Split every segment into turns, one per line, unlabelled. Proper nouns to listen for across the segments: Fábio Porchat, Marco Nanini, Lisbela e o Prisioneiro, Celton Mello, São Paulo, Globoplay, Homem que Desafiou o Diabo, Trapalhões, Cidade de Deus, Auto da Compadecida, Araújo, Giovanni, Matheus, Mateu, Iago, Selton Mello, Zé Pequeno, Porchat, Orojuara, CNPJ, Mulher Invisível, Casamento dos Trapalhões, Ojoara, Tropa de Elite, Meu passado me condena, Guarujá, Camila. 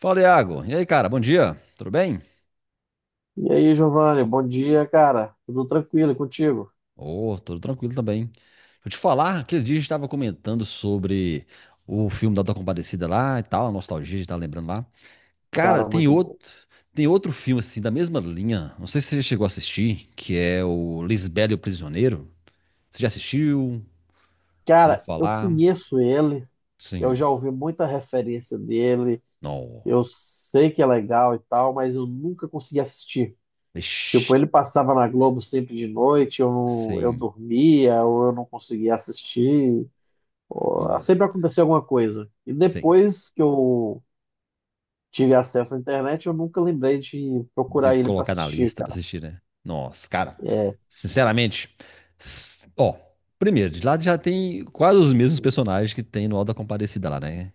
Fala, Iago. E aí, cara? Bom dia. Tudo bem?
E aí, Giovanni, bom dia, cara. Tudo tranquilo e contigo?
Ô, tudo tranquilo também. Deixa eu te falar, aquele dia a gente estava comentando sobre o filme da Auto da Compadecida lá e tal, a nostalgia, a gente tava lembrando lá. Cara,
Cara,
tem
muito bom.
outro, tem outro filme assim da mesma linha. Não sei se você chegou a assistir, que é o Lisbela e o Prisioneiro. Você já assistiu? Já ouviu
Cara, eu
falar?
conheço ele, eu
Sim.
já ouvi muita referência dele,
Não.
eu sei que é legal e tal, mas eu nunca consegui assistir.
Ixi,
Tipo, ele passava na Globo sempre de noite, eu
sim.
dormia, ou eu não conseguia assistir.
Moço.
Sempre acontecia alguma coisa. E
Sim.
depois que eu tive acesso à internet, eu nunca lembrei de
De
procurar ele para
colocar na
assistir,
lista pra
cara.
assistir, né? Nossa, cara, sinceramente, ó, primeiro, de lá já tem quase os mesmos personagens que tem no Auto da Compadecida lá, né?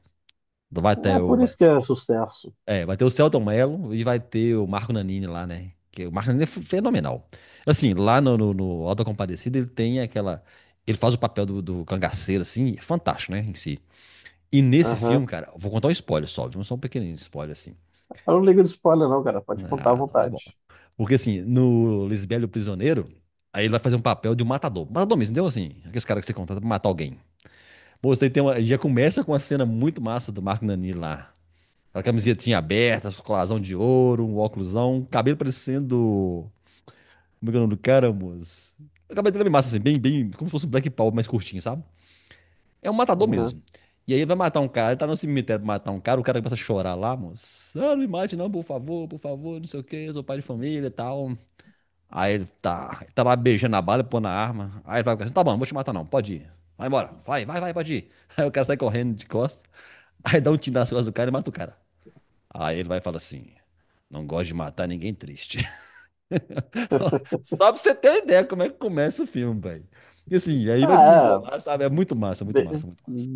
Vai ter
É
o,
por
vai,
isso que é sucesso.
vai ter o Celton Mello e vai ter o Marco Nanini lá, né? Que o Marco Nanini é fenomenal. Assim, lá no Auto da Compadecida ele tem aquela, ele faz o papel do cangaceiro, assim, é fantástico, né, em si. E nesse
Aham.
filme, cara, vou contar um spoiler só, viu? Só um pequenininho spoiler, assim.
Eu não ligo de spoiler, não, cara. Pode contar à
Ah, tá bom.
vontade.
Porque assim, no Lisbelo Prisioneiro, aí ele vai fazer um papel de um matador. Matador mesmo, entendeu? Assim, aqueles caras que você contrata pra matar alguém. Pô, você tem uma, já começa com uma cena muito massa do Marco Nani lá. A camisetinha aberta, colazão de ouro, um óculosão, cabelo parecendo. Como é que é o nome do cara, moço? O cabelo dele é bem massa, assim, bem, bem, como se fosse um Black Power mais curtinho, sabe? É um matador
Uhum.
mesmo. E aí ele vai matar um cara, ele tá no cemitério pra matar um cara, o cara começa a chorar lá, moço. Ah, não me mate não, por favor, não sei o que, eu sou pai de família e tal. Aí ele tá lá beijando a bala, pôr na arma. Aí ele vai ficar assim, tá bom, não vou te matar não, pode ir. Vai embora, vai, vai, vai, pode ir. Aí o cara sai correndo de costas, aí dá um tiro nas costas do cara e mata o cara. Aí ele vai e fala assim, não gosto de matar ninguém triste. Só pra você ter uma ideia como é que começa o filme, velho. E assim, aí vai
Ah, é.
desembolar, sabe? É muito massa, muito massa,
de-
muito massa.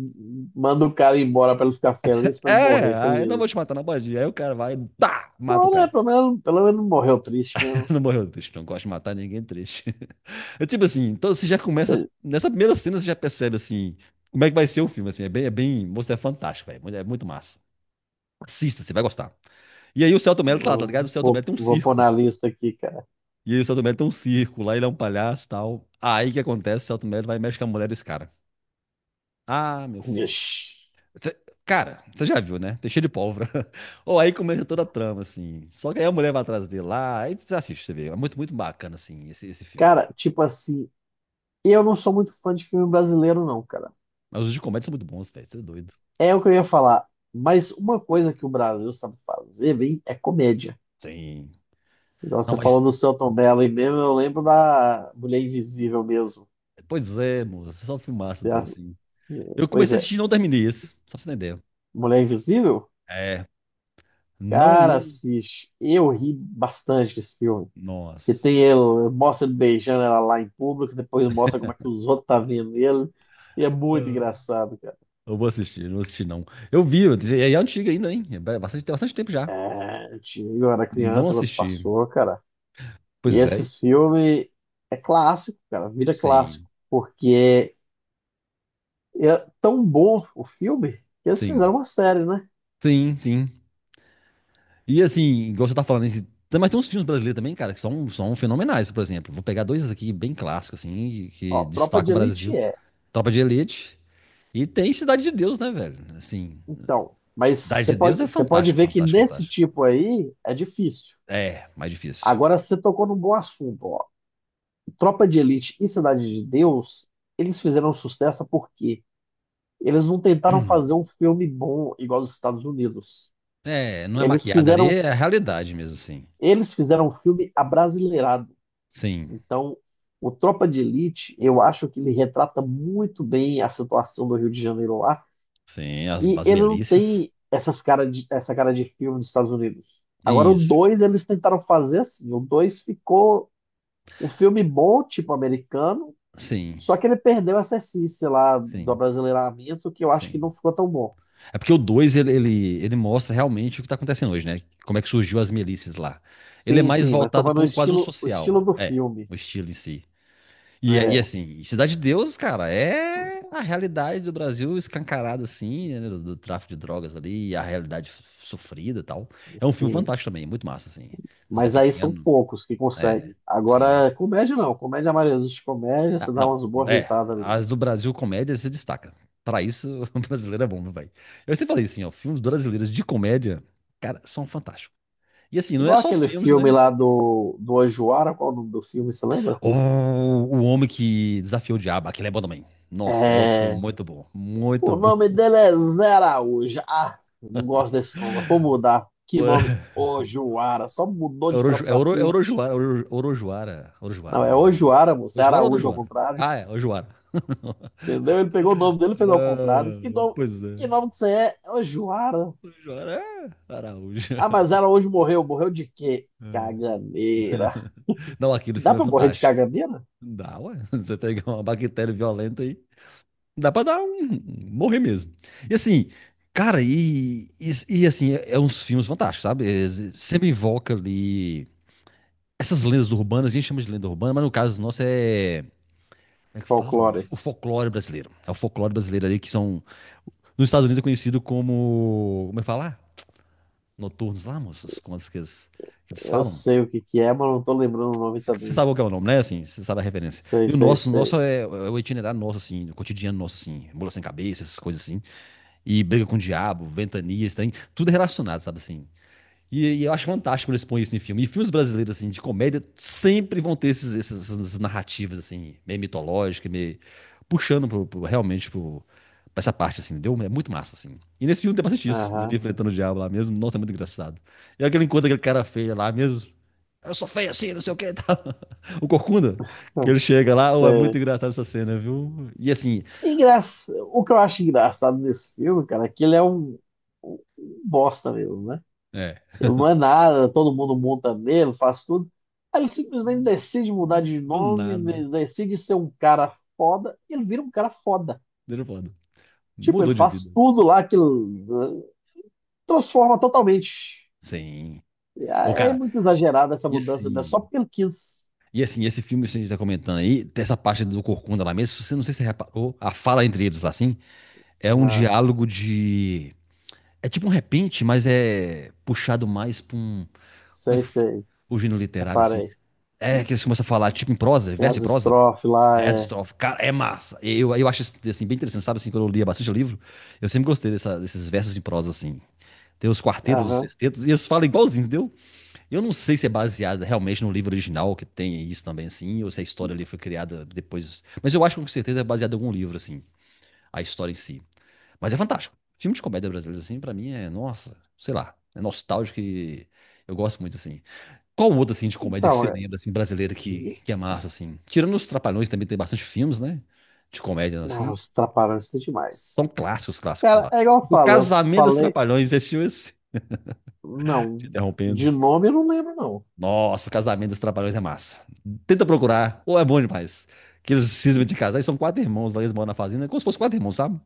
Manda o cara embora pra ele ficar feliz, pra ele
É,
morrer
aí não vou te
feliz.
matar, não pode ir. Aí o cara vai, tá, mata o
Bom, né?
cara.
Pelo menos não morreu triste mesmo.
Não morreu triste, não gosto de matar ninguém triste. É tipo assim, então você já começa.
Se-
Nessa primeira cena você já percebe assim como é que vai ser o filme. Assim, é bem. Moço, é fantástico, velho. É muito massa. Assista, você vai gostar. E aí o Celto Mello tá lá, tá ligado? O Celto
Vou,
Mello tem um
vou pôr
circo.
na lista aqui, cara.
E aí o Celto Mello tem um circo, lá ele é um palhaço e tal. Aí o que acontece? O Celto Mello vai e mexe com a mulher desse cara. Ah, meu filho.
Ixi.
Cê- cara, você já viu, né? Tem cheio de pólvora. Ou aí começa toda a trama, assim. Só que aí a mulher vai atrás dele lá, aí você assiste, você vê. É muito, muito bacana, assim, esse filme.
Cara, tipo assim, eu não sou muito fã de filme brasileiro, não, cara.
Mas os de comédia são muito bons, velho. Você é doido.
É o que eu ia falar. Mas uma coisa que o Brasil sabe fazer bem é comédia.
Sim.
Igual
Não,
você falou
mas.
do Selton Mello, aí mesmo eu lembro da Mulher Invisível mesmo.
Pois é, moço. É só filmaço
Se
dele,
a-
assim. Eu
Pois
comecei a
é.
assistir e não terminei esse. Só pra você entender.
Mulher Invisível?
É. Não,
Cara,
não.
assiste. Eu ri bastante desse filme. Que
Nossa.
tem ele, mostra ele beijando ela lá em público, depois mostra como é que os outros tá vendo ele. E é muito
Ah,
engraçado, cara.
Eu vou assistir, não vou assistir, não. Eu vi, eu disse, é antiga ainda, hein? É bastante, tem bastante tempo já.
É, eu era
Não
criança quando
assisti.
passou, cara. E
Pois é.
esses filmes é clássico, cara, vira
Sim.
clássico. Porque é tão bom o filme que eles fizeram
Sim.
uma série, né?
Sim, sim. E assim, igual você tá falando, mas tem uns filmes brasileiros também, cara, que são fenomenais, por exemplo. Vou pegar dois aqui bem clássicos, assim, que
Ó, Tropa
destacam o
de Elite
Brasil.
é.
Tropa de Elite. E tem Cidade de Deus, né, velho? Assim,
Então, mas
Cidade de Deus é
você pode
fantástico,
ver que
fantástico,
nesse
fantástico.
tipo aí é difícil.
É, mais difícil.
Agora você tocou num bom assunto, ó. Tropa de Elite e Cidade de Deus, eles fizeram sucesso porque eles não tentaram fazer um filme bom igual os Estados Unidos.
É, não é
Eles
maquiada ali,
fizeram,
é a realidade mesmo, sim.
eles fizeram um filme abrasileirado.
Sim,
Então, o Tropa de Elite, eu acho que ele retrata muito bem a situação do Rio de Janeiro lá.
sim, as,
E
as
ele não
melícias.
tem essa cara de filme dos Estados Unidos. Agora, o
Isso.
2 eles tentaram fazer assim. O 2 ficou um filme bom, tipo americano,
Sim,
só que ele perdeu essa essência lá do
sim,
abrasileiramento, que eu acho que
sim.
não ficou tão bom.
É porque o dois ele mostra realmente o que tá acontecendo hoje, né? Como é que surgiu as milícias lá. Ele é
Sim,
mais
sim, mas tô
voltado
falando
para um, quase um
o estilo
social.
do
É,
filme.
o estilo em si. E
É,
assim, Cidade de Deus, cara, é a realidade do Brasil escancarada, assim, né, do, do tráfico de drogas ali, e a realidade sofrida e tal. É um filme
sim.
fantástico também, muito massa, assim. Zé
Mas aí são
Pequeno,
poucos que
é,
conseguem.
sim.
Agora, comédia não. Comédia, a maioria dos de comédia,
Ah,
você dá
não,
umas boas
é,
risadas ali.
as do Brasil comédia se destaca. Pra isso, o brasileiro é bom, meu velho. Eu sempre falei assim, ó, filmes brasileiros de comédia, cara, são fantásticos. E assim, não é
Igual
só
aquele
filmes,
filme
né?
lá do Ojuara, qual é o nome do filme, você lembra?
O Homem que Desafiou o Diabo, aquele é bom também. Nossa, é outro filme
É,
muito bom, muito
o
bom.
nome dele é Zé Araújo. Ah, eu não gosto desse nome. Vou mudar. Que nome? Ojoara. Só mudou de trás pra frente.
Orojuara,
Não,
Orojuara,
é
Orojuara.
Ojoara, moço. É
Orojuara ou
Araújo ao
Orojuara?
contrário.
Ah, é, Orojuara.
Entendeu? Ele pegou o nome dele e fez ao contrário.
Ah, pois é.
Que nome que você é? É Ojoara.
Orojuara é Araújo.
Ah, mas Araújo morreu. Morreu de quê?
Ah,
Caganeira.
não, aquele
Dá
filme é
pra morrer de
fantástico.
caganeira?
Dá, ué. Você pegar uma bactéria violenta aí, dá pra dar um morrer mesmo. E assim, cara, assim, é uns filmes fantásticos, sabe? Sempre invoca ali. Essas lendas urbanas, a gente chama de lenda urbana, mas no caso nosso é. Como é que fala, mano?
Folclore.
O folclore brasileiro. É o folclore brasileiro ali que são. Nos Estados Unidos é conhecido como. Como é que fala? Noturnos lá, moços? Como as que eles
Eu
falam?
sei o que que é, mas não tô lembrando o nome
Você
também.
sabe qual que é o nome, né? Assim, você sabe a referência.
Sei,
E o
sei,
nosso,
sei.
é o itinerário nosso, assim, o cotidiano nosso, assim, mula sem cabeça, essas coisas assim. E briga com o diabo, ventanias, tem tudo é relacionado, sabe assim? E eu acho fantástico quando eles põem isso em filme. E filmes brasileiros, assim, de comédia, sempre vão ter essas narrativas, assim, meio mitológicas, meio realmente pro, pra essa parte, assim, entendeu? É muito massa, assim. E nesse filme tem bastante isso. Ele
Aham.
enfrentando o diabo lá mesmo. Nossa, é muito engraçado. E é aquele encontro aquele cara feio lá mesmo. Eu sou feio assim, não sei o que e tal. O Corcunda, que
Hum,
ele chega lá, oh, é muito
sério.
engraçado essa cena, viu? E assim,
O que eu acho engraçado nesse filme, cara, é que ele é um bosta mesmo, né?
é,
Ele não é nada, todo mundo monta nele, faz tudo. Aí ele simplesmente decide mudar de
do
nome,
nada,
decide ser um cara foda, e ele vira um cara foda.
deixa eu falar,
Tipo, ele
mudou de
faz
vida.
tudo lá que ele, eh, transforma totalmente.
Sim.
E
Ô,
É é
cara,
muito exagerada essa
e
mudança, né? Só
assim,
porque ele quis.
E assim, esse filme que a gente tá comentando aí, dessa parte do Corcunda lá mesmo, se você não sei se você reparou, a fala entre eles lá assim, é um
Aham,
diálogo de. É tipo um repente, mas é puxado mais pra um. Como é que.
sei, sei,
O gênero literário, assim.
reparei.
É que eles começam a falar, tipo em
Tem as
prosa.
estrofes lá,
Verso, e
é.
estrofe. Cara, é massa. Eu acho isso, assim, bem interessante, sabe? Assim, quando eu lia bastante livro, eu sempre gostei desses versos em prosa, assim. Tem os quartetos, os
Aham.
sextetos, e eles falam igualzinho, entendeu? Eu não sei se é baseada realmente no livro original, que tem isso também, assim, ou se a história ali foi criada depois. Mas eu acho que com certeza é baseada em algum livro, assim, a história em si. Mas é fantástico. Filme de comédia brasileiro, assim, pra mim é, nossa, sei lá, é nostálgico e eu gosto muito, assim. Qual outra, assim, de comédia que
Então,
você
é.
lembra, assim, brasileira que é massa, assim? Tirando os Trapalhões, também tem bastante filmes, né? De comédia,
Ah,
assim.
os Trapalhões são
São
demais.
clássicos, clássicos,
Cara,
clássicos. O
eu
Casamento dos
falei.
Trapalhões, esse filme,
Não,
te interrompendo.
de nome eu não lembro, não.
Nossa, o casamento dos Trapalhões é massa. Tenta procurar, ou é bom demais. Que eles cismam de casar, e são quatro irmãos lá, eles moram na fazenda, é como se fosse quatro irmãos, sabe?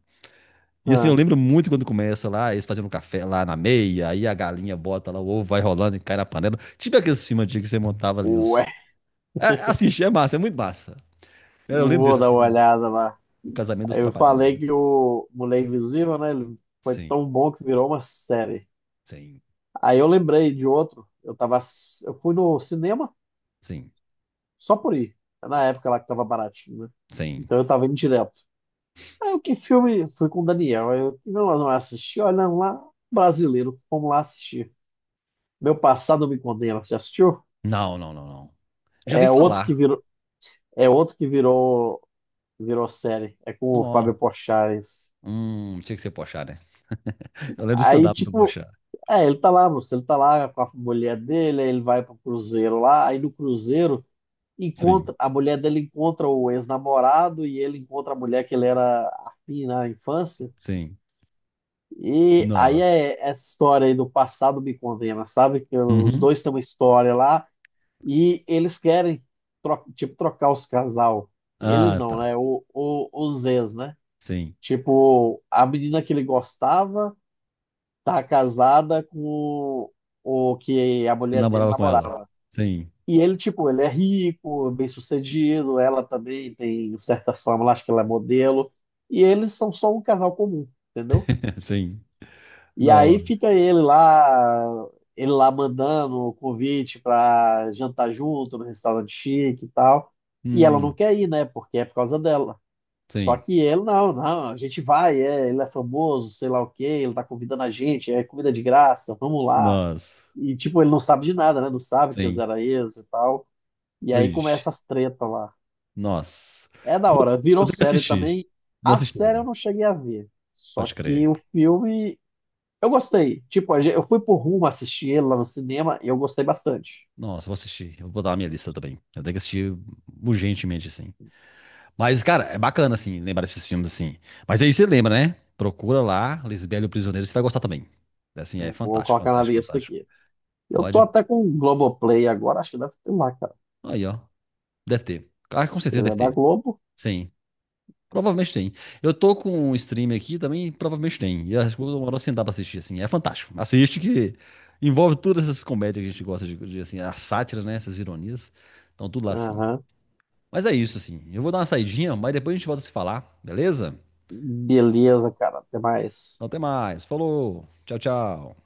E assim, eu
Ah,
lembro muito quando começa lá, eles fazendo um café lá na meia, aí a galinha bota lá, o ovo vai rolando e cai na panela. Tipo aqueles filmes antigos que você montava ali.
ué,
Os... É, assiste, é massa, é muito massa. É, eu lembro
vou
desse,
dar
assim,
uma olhada lá.
o casamento dos
Eu
Trapalhões. É
falei
muito
que
massa.
o Mulher Invisível, né? Ele foi
Sim,
tão bom que virou uma série.
sim,
Aí eu lembrei de outro. Eu fui no cinema
sim,
só por ir. É na época lá que tava baratinho, né?
sim.
Então eu tava indo direto. Aí o que filme? Fui com o Daniel. Aí eu não, não assisti, olha lá, brasileiro. Vamos lá assistir. Meu passado me condena. Já assistiu?
Não, não, não, não. Já ouvi
É outro que
falar.
virou, é outro que virou, virou série. É com
Não,
o
ó.
Fábio Porchat. Esse.
Tinha que ser Porchat, né? Eu lembro do
Aí,
stand-up do
tipo,
Porchat.
ele tá lá com a mulher dele, aí ele vai pro cruzeiro lá, aí no cruzeiro
Sim,
encontra a mulher dele encontra o ex-namorado e ele encontra a mulher que ele era afim na infância.
sim.
E aí
Nossa.
é essa história aí do passado me condena, sabe? Que os
Uhum.
dois têm uma história lá e eles querem tipo trocar os casal. Eles
Ah,
não,
tá.
né? Os ex, né?
Sim.
Tipo, a menina que ele gostava tá casada com o que a
Eu
mulher dele
namorava com ela.
namorava.
Sim,
E ele, tipo, ele é rico, bem-sucedido, ela também tem certa fama, lá, acho que ela é modelo. E eles são só um casal comum, entendeu?
sim.
E aí
Nossa.
fica ele lá mandando o convite pra jantar junto no restaurante chique e tal. E ela não
Hum,
quer ir, né? Porque é por causa dela. Só
sim.
que ele, não, não, a gente vai, é, ele é famoso, sei lá o quê, ele tá convidando a gente, é comida de graça, vamos lá.
Nossa.
E, tipo, ele não sabe de nada, né? Não sabe que eles
Sim.
eram ex e tal. E aí
Vixe.
começa as tretas lá.
Nossa.
É da
Vou,
hora,
eu
virou
tenho que
série
assistir.
também.
Não
A
assisti,
série eu
não.
não cheguei a ver. Só
Pode
que
crer.
o filme, eu gostei. Tipo, eu fui por rumo assistir ele lá no cinema e eu gostei bastante.
Nossa, vou assistir. Eu vou botar na minha lista também. Eu tenho que assistir urgentemente, assim. Mas, cara, é bacana, assim, lembrar desses filmes, assim. Mas aí você lembra, né? Procura lá, Lisbela e o Prisioneiro, você vai gostar também. Assim, é
Vou
fantástico,
colocar na
fantástico,
lista
fantástico.
aqui. Eu tô
Pode.
até com o Globoplay agora, acho que deve ter lá, cara.
Aí, ó. Deve ter. Ah, com certeza
Ele é
deve
da
ter.
Globo.
Sim. Provavelmente tem. Eu tô com um stream aqui também, provavelmente tem. E eu acho que eu vou demorar sentar pra assistir, assim. É fantástico. Assiste que envolve todas essas comédias que a gente gosta assim, a sátira, né? Essas ironias. Então, tudo lá, assim.
Aham.
Mas é isso, assim. Eu vou dar uma saidinha, mas depois a gente volta a se falar, beleza?
Beleza, cara. Até mais.
Então, até mais. Falou. Tchau, tchau.